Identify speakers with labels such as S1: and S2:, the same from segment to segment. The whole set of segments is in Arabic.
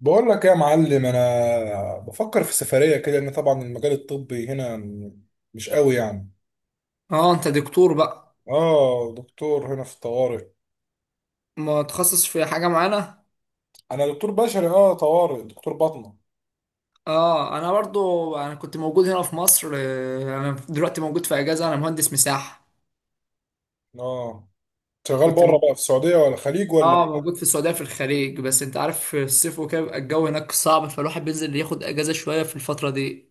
S1: بقول لك إيه يا معلم، انا بفكر في سفريه كده لان طبعا المجال الطبي هنا مش قوي يعني.
S2: اه، انت دكتور بقى؟
S1: اه دكتور هنا في الطوارئ.
S2: متخصص في حاجة معانا؟
S1: انا دكتور بشري، اه طوارئ، دكتور باطنه.
S2: اه، انا برضو كنت موجود هنا في مصر. انا دلوقتي موجود في اجازة، انا مهندس مساحة.
S1: اه شغال
S2: كنت
S1: بره
S2: موجود
S1: بقى في السعوديه ولا الخليج
S2: اه
S1: ولا
S2: موجود في السعودية في الخليج، بس انت عارف، في الصيف وكده بيبقى الجو هناك صعب، فالواحد بينزل ياخد اجازة شوية في الفترة دي،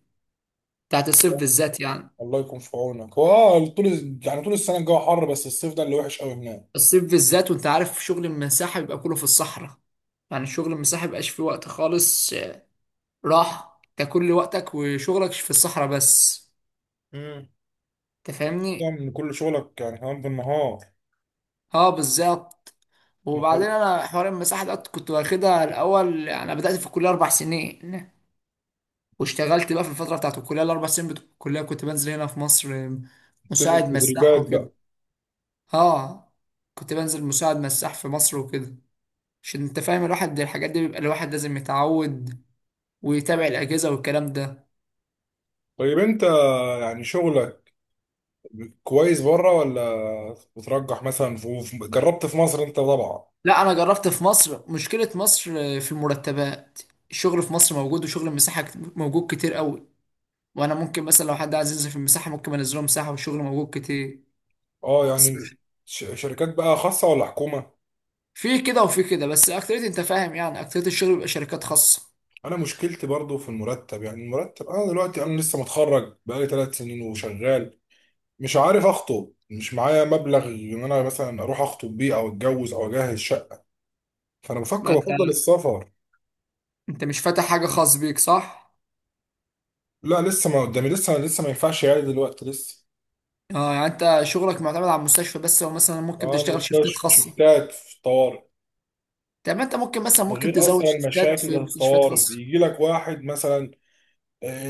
S2: بتاعت الصيف بالذات يعني.
S1: الله يكون في عونك؟ هو اه طول يعني طول السنه الجو حر، بس الصيف ده اللي وحش قوي هناك.
S2: الصيف بالذات. وانت عارف شغل المساحة بيبقى كله في الصحراء، يعني شغل المساحة مبقاش فيه وقت خالص راحة، انت كل وقتك وشغلك في الصحراء بس.
S1: امم
S2: انت فاهمني؟
S1: يعني كل شغلك يعني كمان بالنهار؟
S2: اه، بالظبط. وبعدين، انا حوار المساحه ده كنت واخدها الاول، يعني انا بدات في الكليه 4 سنين. واشتغلت بقى في الفتره بتاعت الكليه، الاربع سنين بتوع الكليه كنت بنزل هنا في مصر
S1: بتدرب
S2: مساعد مساح
S1: تدريبات
S2: وكده.
S1: بقى؟
S2: اه، كنت بنزل مساعد مساح في مصر وكده، عشان انت فاهم الواحد الحاجات دي بيبقى الواحد لازم يتعود ويتابع الاجهزه والكلام ده.
S1: طيب انت يعني شغلك كويس بره ولا بترجح مثلا جربت في مصر انت طبعا؟
S2: لا، انا جربت في مصر. مشكله مصر في المرتبات. الشغل في مصر موجود، وشغل المساحه موجود كتير قوي. وانا ممكن مثلا، لو حد عايز ينزل في المساحه ممكن انزله مساحه، والشغل موجود كتير
S1: اه
S2: بس.
S1: يعني شركات بقى خاصة ولا حكومة؟
S2: في كده وفي كده، بس اكتريت انت فاهم، يعني اكتريت الشغل بيبقى شركات خاصة.
S1: انا مشكلتي برضو في المرتب، يعني المرتب، انا دلوقتي انا لسه متخرج بقالي 3 سنين وشغال، مش عارف اخطب، مش معايا مبلغ ان انا مثلا اروح اخطب بيه او اتجوز او اجهز شقة، فانا
S2: ما
S1: بفكر
S2: انت
S1: بفضل السفر.
S2: انت مش فاتح حاجة خاص بيك صح؟
S1: لا لسه ما قدامي، لسه لسه ما ينفعش يعني دلوقتي لسه.
S2: اه، يعني انت شغلك معتمد على المستشفى بس، او مثلا ممكن
S1: اه
S2: تشتغل شيفتات
S1: المستشفى
S2: خاصة؟
S1: شفتات في الطوارئ.
S2: طب ما انت ممكن مثلا
S1: من
S2: ممكن
S1: غير
S2: تزود
S1: اصلا
S2: شيفتات
S1: المشاكل اللي
S2: في
S1: في
S2: مستشفيات
S1: الطوارئ،
S2: خاصة.
S1: بيجي لك واحد مثلا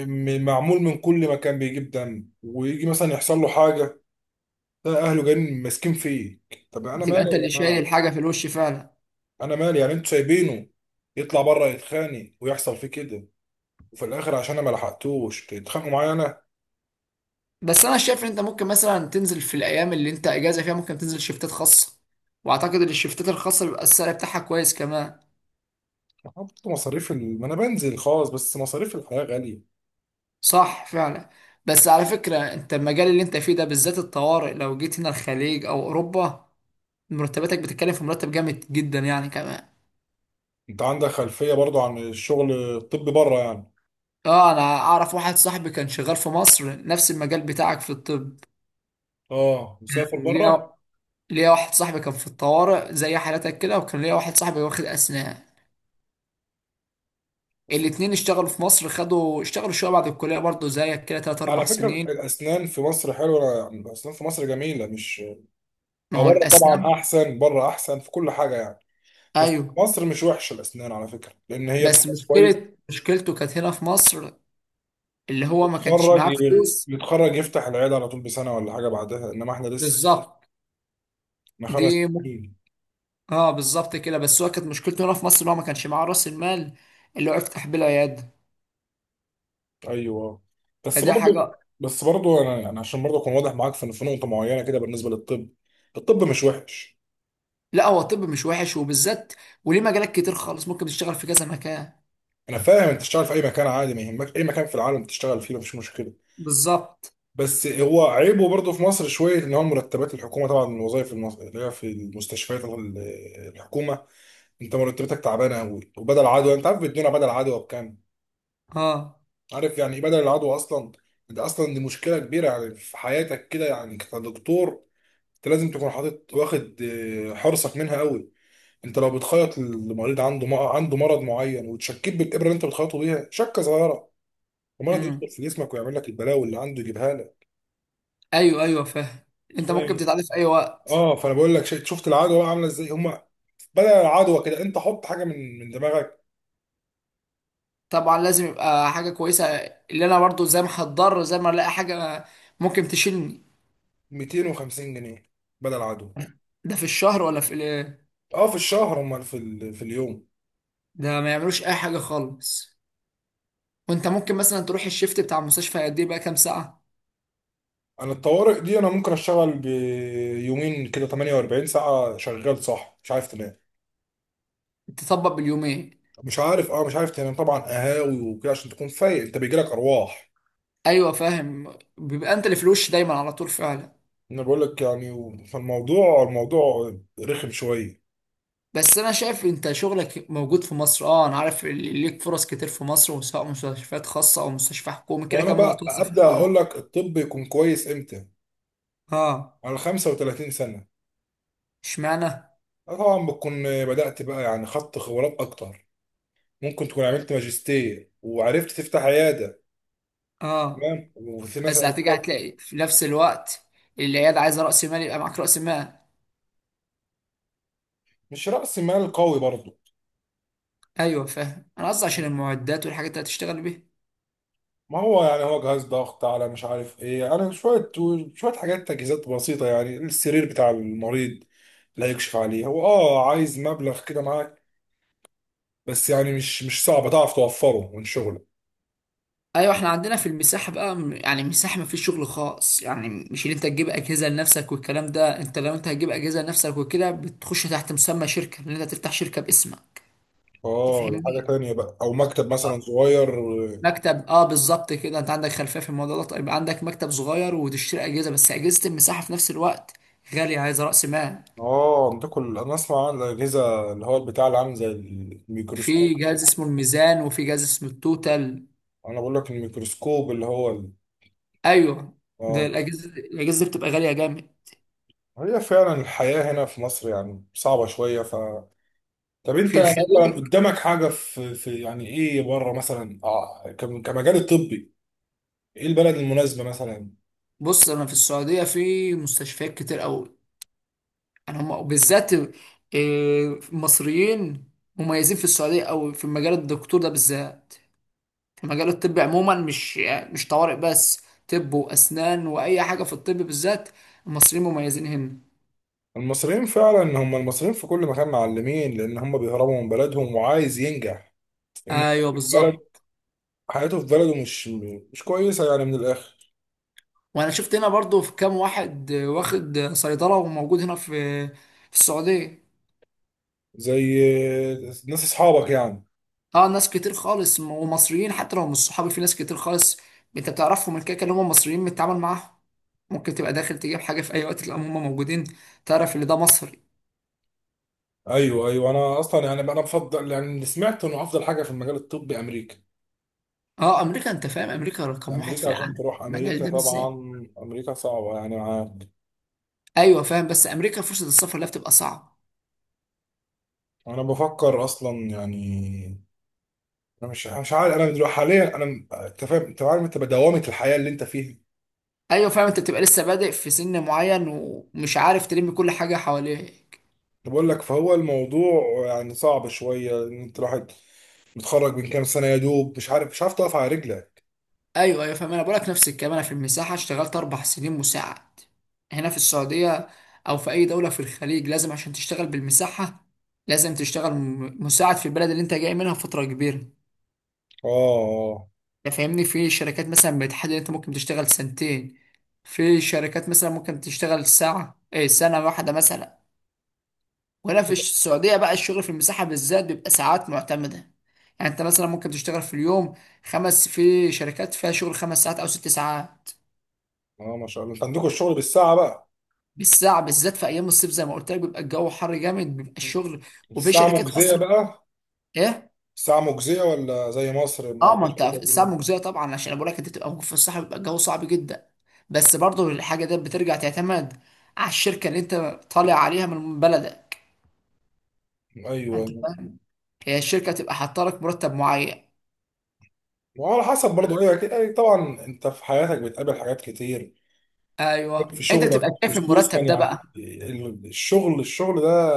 S1: معمول من كل مكان، بيجيب دم، ويجي مثلا يحصل له حاجه، ده اهله جايين ماسكين فيه. طب انا مالي
S2: تبقى انت
S1: يا
S2: اللي شايل
S1: جماعه؟
S2: الحاجة في الوش فعلا.
S1: انا مالي يعني، انتوا سايبينه يطلع بره يتخانق ويحصل فيه كده، وفي الاخر عشان انا ما لحقتوش تتخانقوا معايا انا.
S2: بس انا شايف ان انت ممكن مثلا تنزل في الايام اللي انت اجازة فيها، ممكن تنزل شيفتات خاصة. واعتقد ان الشيفتات الخاصة بيبقى السعر بتاعها كويس كمان.
S1: حط ما انا بنزل خالص، بس مصاريف الحياه غاليه.
S2: صح فعلا. بس على فكرة، انت المجال اللي انت فيه ده بالذات الطوارئ، لو جيت هنا الخليج او اوروبا، مرتباتك بتتكلم في مرتب جامد جدا يعني كمان.
S1: انت عندك خلفيه برضو عن الشغل الطبي بره يعني؟
S2: اه، انا اعرف واحد صاحبي كان شغال في مصر نفس المجال بتاعك في الطب.
S1: اه مسافر
S2: كان
S1: بره.
S2: ليا ليا واحد صاحبي كان في الطوارئ زي حالتك كده، وكان ليا واحد صاحبي واخد اسنان. الاتنين اشتغلوا في مصر، خدوا اشتغلوا شوية بعد الكلية برضه زيك كده، تلات أربع
S1: على فكره
S2: سنين.
S1: الاسنان في مصر حلوه يعني، الاسنان في مصر جميله، مش
S2: ما
S1: هو
S2: هو
S1: بره طبعا
S2: الأسنان.
S1: احسن، بره احسن في كل حاجه يعني، بس
S2: أيوه.
S1: مصر مش وحشه الاسنان على فكره، لان هي
S2: بس
S1: بسبب كويس.
S2: مشكلته كانت هنا في مصر، اللي هو ما كانش
S1: يتخرج،
S2: معاه فلوس.
S1: يتخرج يفتح العياده على طول بسنه ولا حاجه بعدها، انما احنا لسه،
S2: بالظبط.
S1: احنا
S2: دي
S1: خمس
S2: م...
S1: سنين
S2: اه، بالظبط كده، بس هو كانت مشكلته هنا في مصر ان هو ما كانش معاه راس المال اللي هو يفتح بيه العياده.
S1: ايوه. بس
S2: فدي حاجه.
S1: برضو، بس برضو انا يعني عشان برضو اكون واضح معاك في نقطه معينه كده بالنسبه للطب، الطب مش وحش.
S2: لا، هو الطب مش وحش، وبالذات، وليه مجالات كتير خالص، ممكن تشتغل في كذا مكان.
S1: انا فاهم، انت تشتغل في اي مكان عادي، ما يهمك اي مكان في العالم تشتغل فيه مفيش مشكله.
S2: بالظبط.
S1: بس هو عيبه برضه في مصر شويه ان هو مرتبات الحكومه طبعا، من الوظائف اللي هي في المستشفيات الحكومه، انت مرتباتك تعبانه قوي. وبدل عدوى، انت عارف بيدونا بدل عدوى بكام؟
S2: اه.
S1: عارف يعني ايه بدل العدوى اصلا؟ ده اصلا دي مشكله كبيره يعني في حياتك كده يعني كدكتور، انت لازم تكون حاطط واخد حرصك منها قوي. انت لو بتخيط المريض عنده عنده مرض معين، وتشكيت بالابره اللي انت بتخيطه بيها شكه صغيره، المرض
S2: امم
S1: يدخل في جسمك ويعمل لك البلاوي اللي عنده يجيبها لك.
S2: ايوه، ايوه، فاهم. انت
S1: فاهم
S2: ممكن
S1: إيه؟
S2: تتعلم في اي وقت.
S1: اه، فانا بقول لك شفت، شفت العدوى بقى عامله ازاي هم؟ بدل العدوى كده، انت حط حاجه من دماغك.
S2: طبعا، لازم يبقى حاجه كويسه. اللي انا برضو زي ما هتضر، زي ما الاقي حاجه ممكن تشيلني.
S1: 250 جنيه بدل العدوى.
S2: ده في الشهر ولا في الايه؟
S1: اه في الشهر، هم في اليوم.
S2: ده ما يعملوش اي حاجه خالص. وانت ممكن مثلا تروح الشيفت بتاع المستشفى قد ايه بقى، كام ساعه؟
S1: انا الطوارئ دي، انا ممكن اشتغل بيومين كده 48 ساعه شغال، صح، مش عارف تنام،
S2: تطبق باليومين.
S1: مش عارف، اه مش عارف تنام طبعا، قهاوي وكده عشان تكون فايق، انت بيجيلك ارواح.
S2: ايوه، فاهم، بيبقى انت اللي في الوش دايما على طول فعلا.
S1: انا بقول لك يعني، فالموضوع، الموضوع رخم شويه.
S2: بس انا شايف انت شغلك موجود في مصر، اه، انا عارف اللي ليك فرص كتير في مصر، وسواء مستشفيات خاصه او مستشفى حكومي كده
S1: وانا
S2: كمان، هو
S1: بقى
S2: توظف
S1: ابدا
S2: حكومي.
S1: اقول لك الطب يكون كويس امتى؟
S2: اه.
S1: على 35 سنه.
S2: اشمعنى؟
S1: آه طبعا، بتكون بدأت بقى يعني، خدت خبرات أكتر، ممكن تكون عملت ماجستير وعرفت تفتح عيادة.
S2: اه.
S1: تمام، وفي ناس
S2: بس هتيجي
S1: عرفتها.
S2: هتلاقي في نفس الوقت، العياده عايزه راس مال، يبقى معاك راس مال.
S1: مش رأس مال قوي برضه.
S2: ايوه فاهم، انا قصدي عشان المعدات والحاجات اللي هتشتغل بيها.
S1: ما هو يعني هو جهاز ضغط، على مش عارف ايه، انا شوية، شوية حاجات تجهيزات بسيطة، يعني السرير بتاع المريض اللي هيكشف عليه، هو اه عايز مبلغ كده معاك، بس يعني مش صعب تعرف توفره من شغلك.
S2: ايوه، احنا عندنا في المساحه بقى يعني المساحه ما فيش شغل خاص، يعني مش ان انت تجيب اجهزه لنفسك والكلام ده، انت لو انت هتجيب اجهزه لنفسك وكده بتخش تحت مسمى شركه، لان انت تفتح شركه باسمك.
S1: اه حاجة
S2: تفهمني؟
S1: تانية بقى، او مكتب مثلا
S2: اه.
S1: صغير.
S2: مكتب، اه، بالظبط كده، انت عندك خلفيه في الموضوع ده. طيب، عندك مكتب صغير وتشتري اجهزه، بس اجهزه المساحه في نفس الوقت غاليه، عايزه راس مال.
S1: اه بتاكل. انا اسمع عن الاجهزه اللي هو البتاع اللي عامل زي
S2: في
S1: الميكروسكوب.
S2: جهاز اسمه الميزان، وفي جهاز اسمه التوتال.
S1: انا بقول لك الميكروسكوب اللي هو
S2: ايوه. ده
S1: اه.
S2: الاجهزه دي بتبقى غاليه جامد.
S1: هي فعلا الحياه هنا في مصر يعني صعبه شويه، ف طب انت
S2: في
S1: مثلا
S2: الخليج.
S1: قدامك حاجه في يعني ايه بره مثلا، اه كمجال الطبي؟ ايه البلد المناسبه مثلا؟
S2: بص، انا في السعوديه في مستشفيات كتير قوي، انا هم وبالذات مصريين مميزين في السعوديه، او في مجال الدكتور ده بالذات. في مجال الطب عموما، مش يعني مش طوارئ بس، طب واسنان واي حاجه في الطب بالذات، المصريين مميزين هنا.
S1: المصريين فعلا، هم المصريين في كل مكان معلمين، لان هم بيهربوا من بلدهم وعايز ينجح، لان
S2: ايوه
S1: حياته في بلد،
S2: بالظبط.
S1: حياته في بلده مش كويسه يعني من الاخر.
S2: وانا شفت هنا برضو في كام واحد واخد صيدله وموجود هنا في السعوديه.
S1: زي ناس اصحابك يعني؟
S2: اه، ناس كتير خالص ومصريين حتى لو مش صحابي في ناس كتير خالص. انت بتعرفهم، من كده كده هم مصريين بتتعامل معاهم. ممكن تبقى داخل تجيب حاجة في أي وقت، تلاقيهم هم موجودين. تعرف اللي ده مصري.
S1: ايوه ايوه، انا اصلا يعني انا بفضل يعني، اللي سمعت انه افضل حاجه في المجال الطبي امريكا.
S2: اه، أمريكا، أنت فاهم أمريكا رقم واحد في
S1: امريكا عشان
S2: العالم
S1: تروح
S2: المجال
S1: امريكا
S2: ده
S1: طبعا،
S2: بالذات.
S1: امريكا صعبه يعني انا.
S2: أيوه فاهم، بس أمريكا فرصة السفر لها بتبقى صعبة.
S1: أنا بفكر اصلا يعني، انا مش عارف، انا دلوقتي حاليا انا انت فاهم، انت عارف، انت بدوامه الحياه اللي انت فيها.
S2: أيوه فاهم، أنت بتبقى لسه بادئ في سن معين، ومش عارف تلم كل حاجة حواليه.
S1: أنا بقول لك، فهو الموضوع يعني صعب شويه ان انت الواحد متخرج من كام سنه، يا دوب مش عارف تقف على رجلك.
S2: ايوه، ايوه فاهم، انا بقولك نفس الكلام، انا في المساحه اشتغلت 4 سنين مساعد هنا في السعوديه، او في اي دوله في الخليج لازم عشان تشتغل بالمساحه. لازم تشتغل مساعد في البلد اللي انت جاي منها فتره كبيره.
S1: اه.
S2: انت فاهمني؟ في شركات مثلا بتحدد انت ممكن تشتغل سنتين. في شركات مثلا ممكن تشتغل ساعه ايه، سنه واحده مثلا. وهنا
S1: اه.
S2: في السعوديه بقى الشغل في المساحه بالذات بيبقى ساعات معتمده. يعني انت مثلا ممكن تشتغل في اليوم في شركات فيها شغل 5 ساعات او 6 ساعات.
S1: اه ما شاء الله، انت عندكم الشغل بالساعه بقى؟
S2: بالساعة، بالذات في أيام الصيف زي ما قلت لك بيبقى الجو حر جامد بيبقى الشغل. وفي
S1: الساعة
S2: شركات
S1: مجزية
S2: أصلا.
S1: بقى؟
S2: إيه؟
S1: الساعة مجزية ولا زي مصر
S2: أه،
S1: ما
S2: ما
S1: فيش
S2: أنت
S1: حاجة
S2: الساعة مجزية طبعا، عشان أنا بقول لك أنت تبقى موجود في الصحراء بيبقى الجو صعب جدا. بس برضه الحاجة دي بترجع تعتمد على الشركة اللي أنت طالع عليها من بلدك. أنت
S1: أيوه.
S2: فاهم؟ هي الشركة تبقى حاطة لك مرتب معين.
S1: وعلى حسب برضه إيه، أكيد يعني طبعا أنت في حياتك بتقابل حاجات كتير
S2: أيوه،
S1: في
S2: أنت
S1: شغلك،
S2: بتبقى شايف
S1: خصوصا
S2: المرتب ده
S1: يعني
S2: بقى.
S1: الشغل، الشغل ده،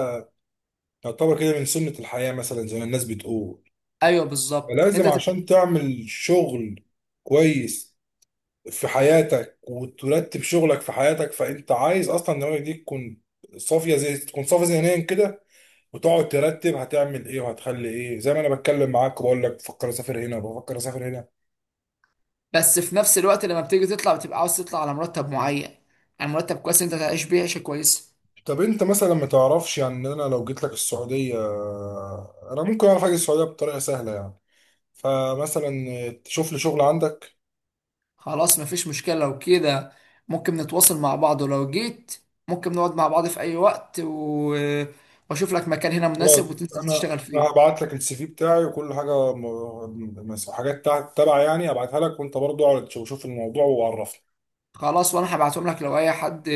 S1: يعتبر كده من سنة الحياة مثلا زي ما الناس بتقول،
S2: أيوه بالظبط،
S1: فلازم
S2: أنت
S1: عشان
S2: بتبقى.
S1: تعمل شغل كويس في حياتك وترتب شغلك في حياتك، فأنت عايز أصلا دماغك دي تكون صافية، زي تكون صافية ذهنيا كده، وتقعد ترتب هتعمل ايه وهتخلي ايه. زي ما انا بتكلم معاك وبقول لك بفكر اسافر هنا، بفكر اسافر هنا.
S2: بس في نفس الوقت، لما بتيجي تطلع بتبقى عاوز تطلع على مرتب معين، يعني مرتب كويس أنت تعيش بيه عيشة كويسة.
S1: طب انت مثلا ما تعرفش يعني، انا لو جيت لك السعوديه، انا ممكن اعرف اجي السعوديه بطريقه سهله يعني، فمثلا تشوف لي شغل عندك.
S2: خلاص، مفيش مشكلة لو كده، ممكن نتواصل مع بعض، ولو جيت ممكن نقعد مع بعض في أي وقت وأشوف لك مكان هنا مناسب
S1: خلاص،
S2: وتنزل
S1: انا
S2: تشتغل
S1: انا
S2: فيه.
S1: هبعت لك السي في بتاعي وكل حاجه، حاجات تبع يعني، ابعتها لك، وانت برضو اقعد شوف الموضوع وعرفني.
S2: خلاص، وأنا هبعتهم لك، لو أي حد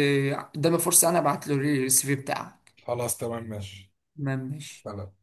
S2: قدامي فرصة أنا هبعت له السي في بتاعك.
S1: خلاص تمام ماشي.
S2: تمام ماشي.
S1: سلام.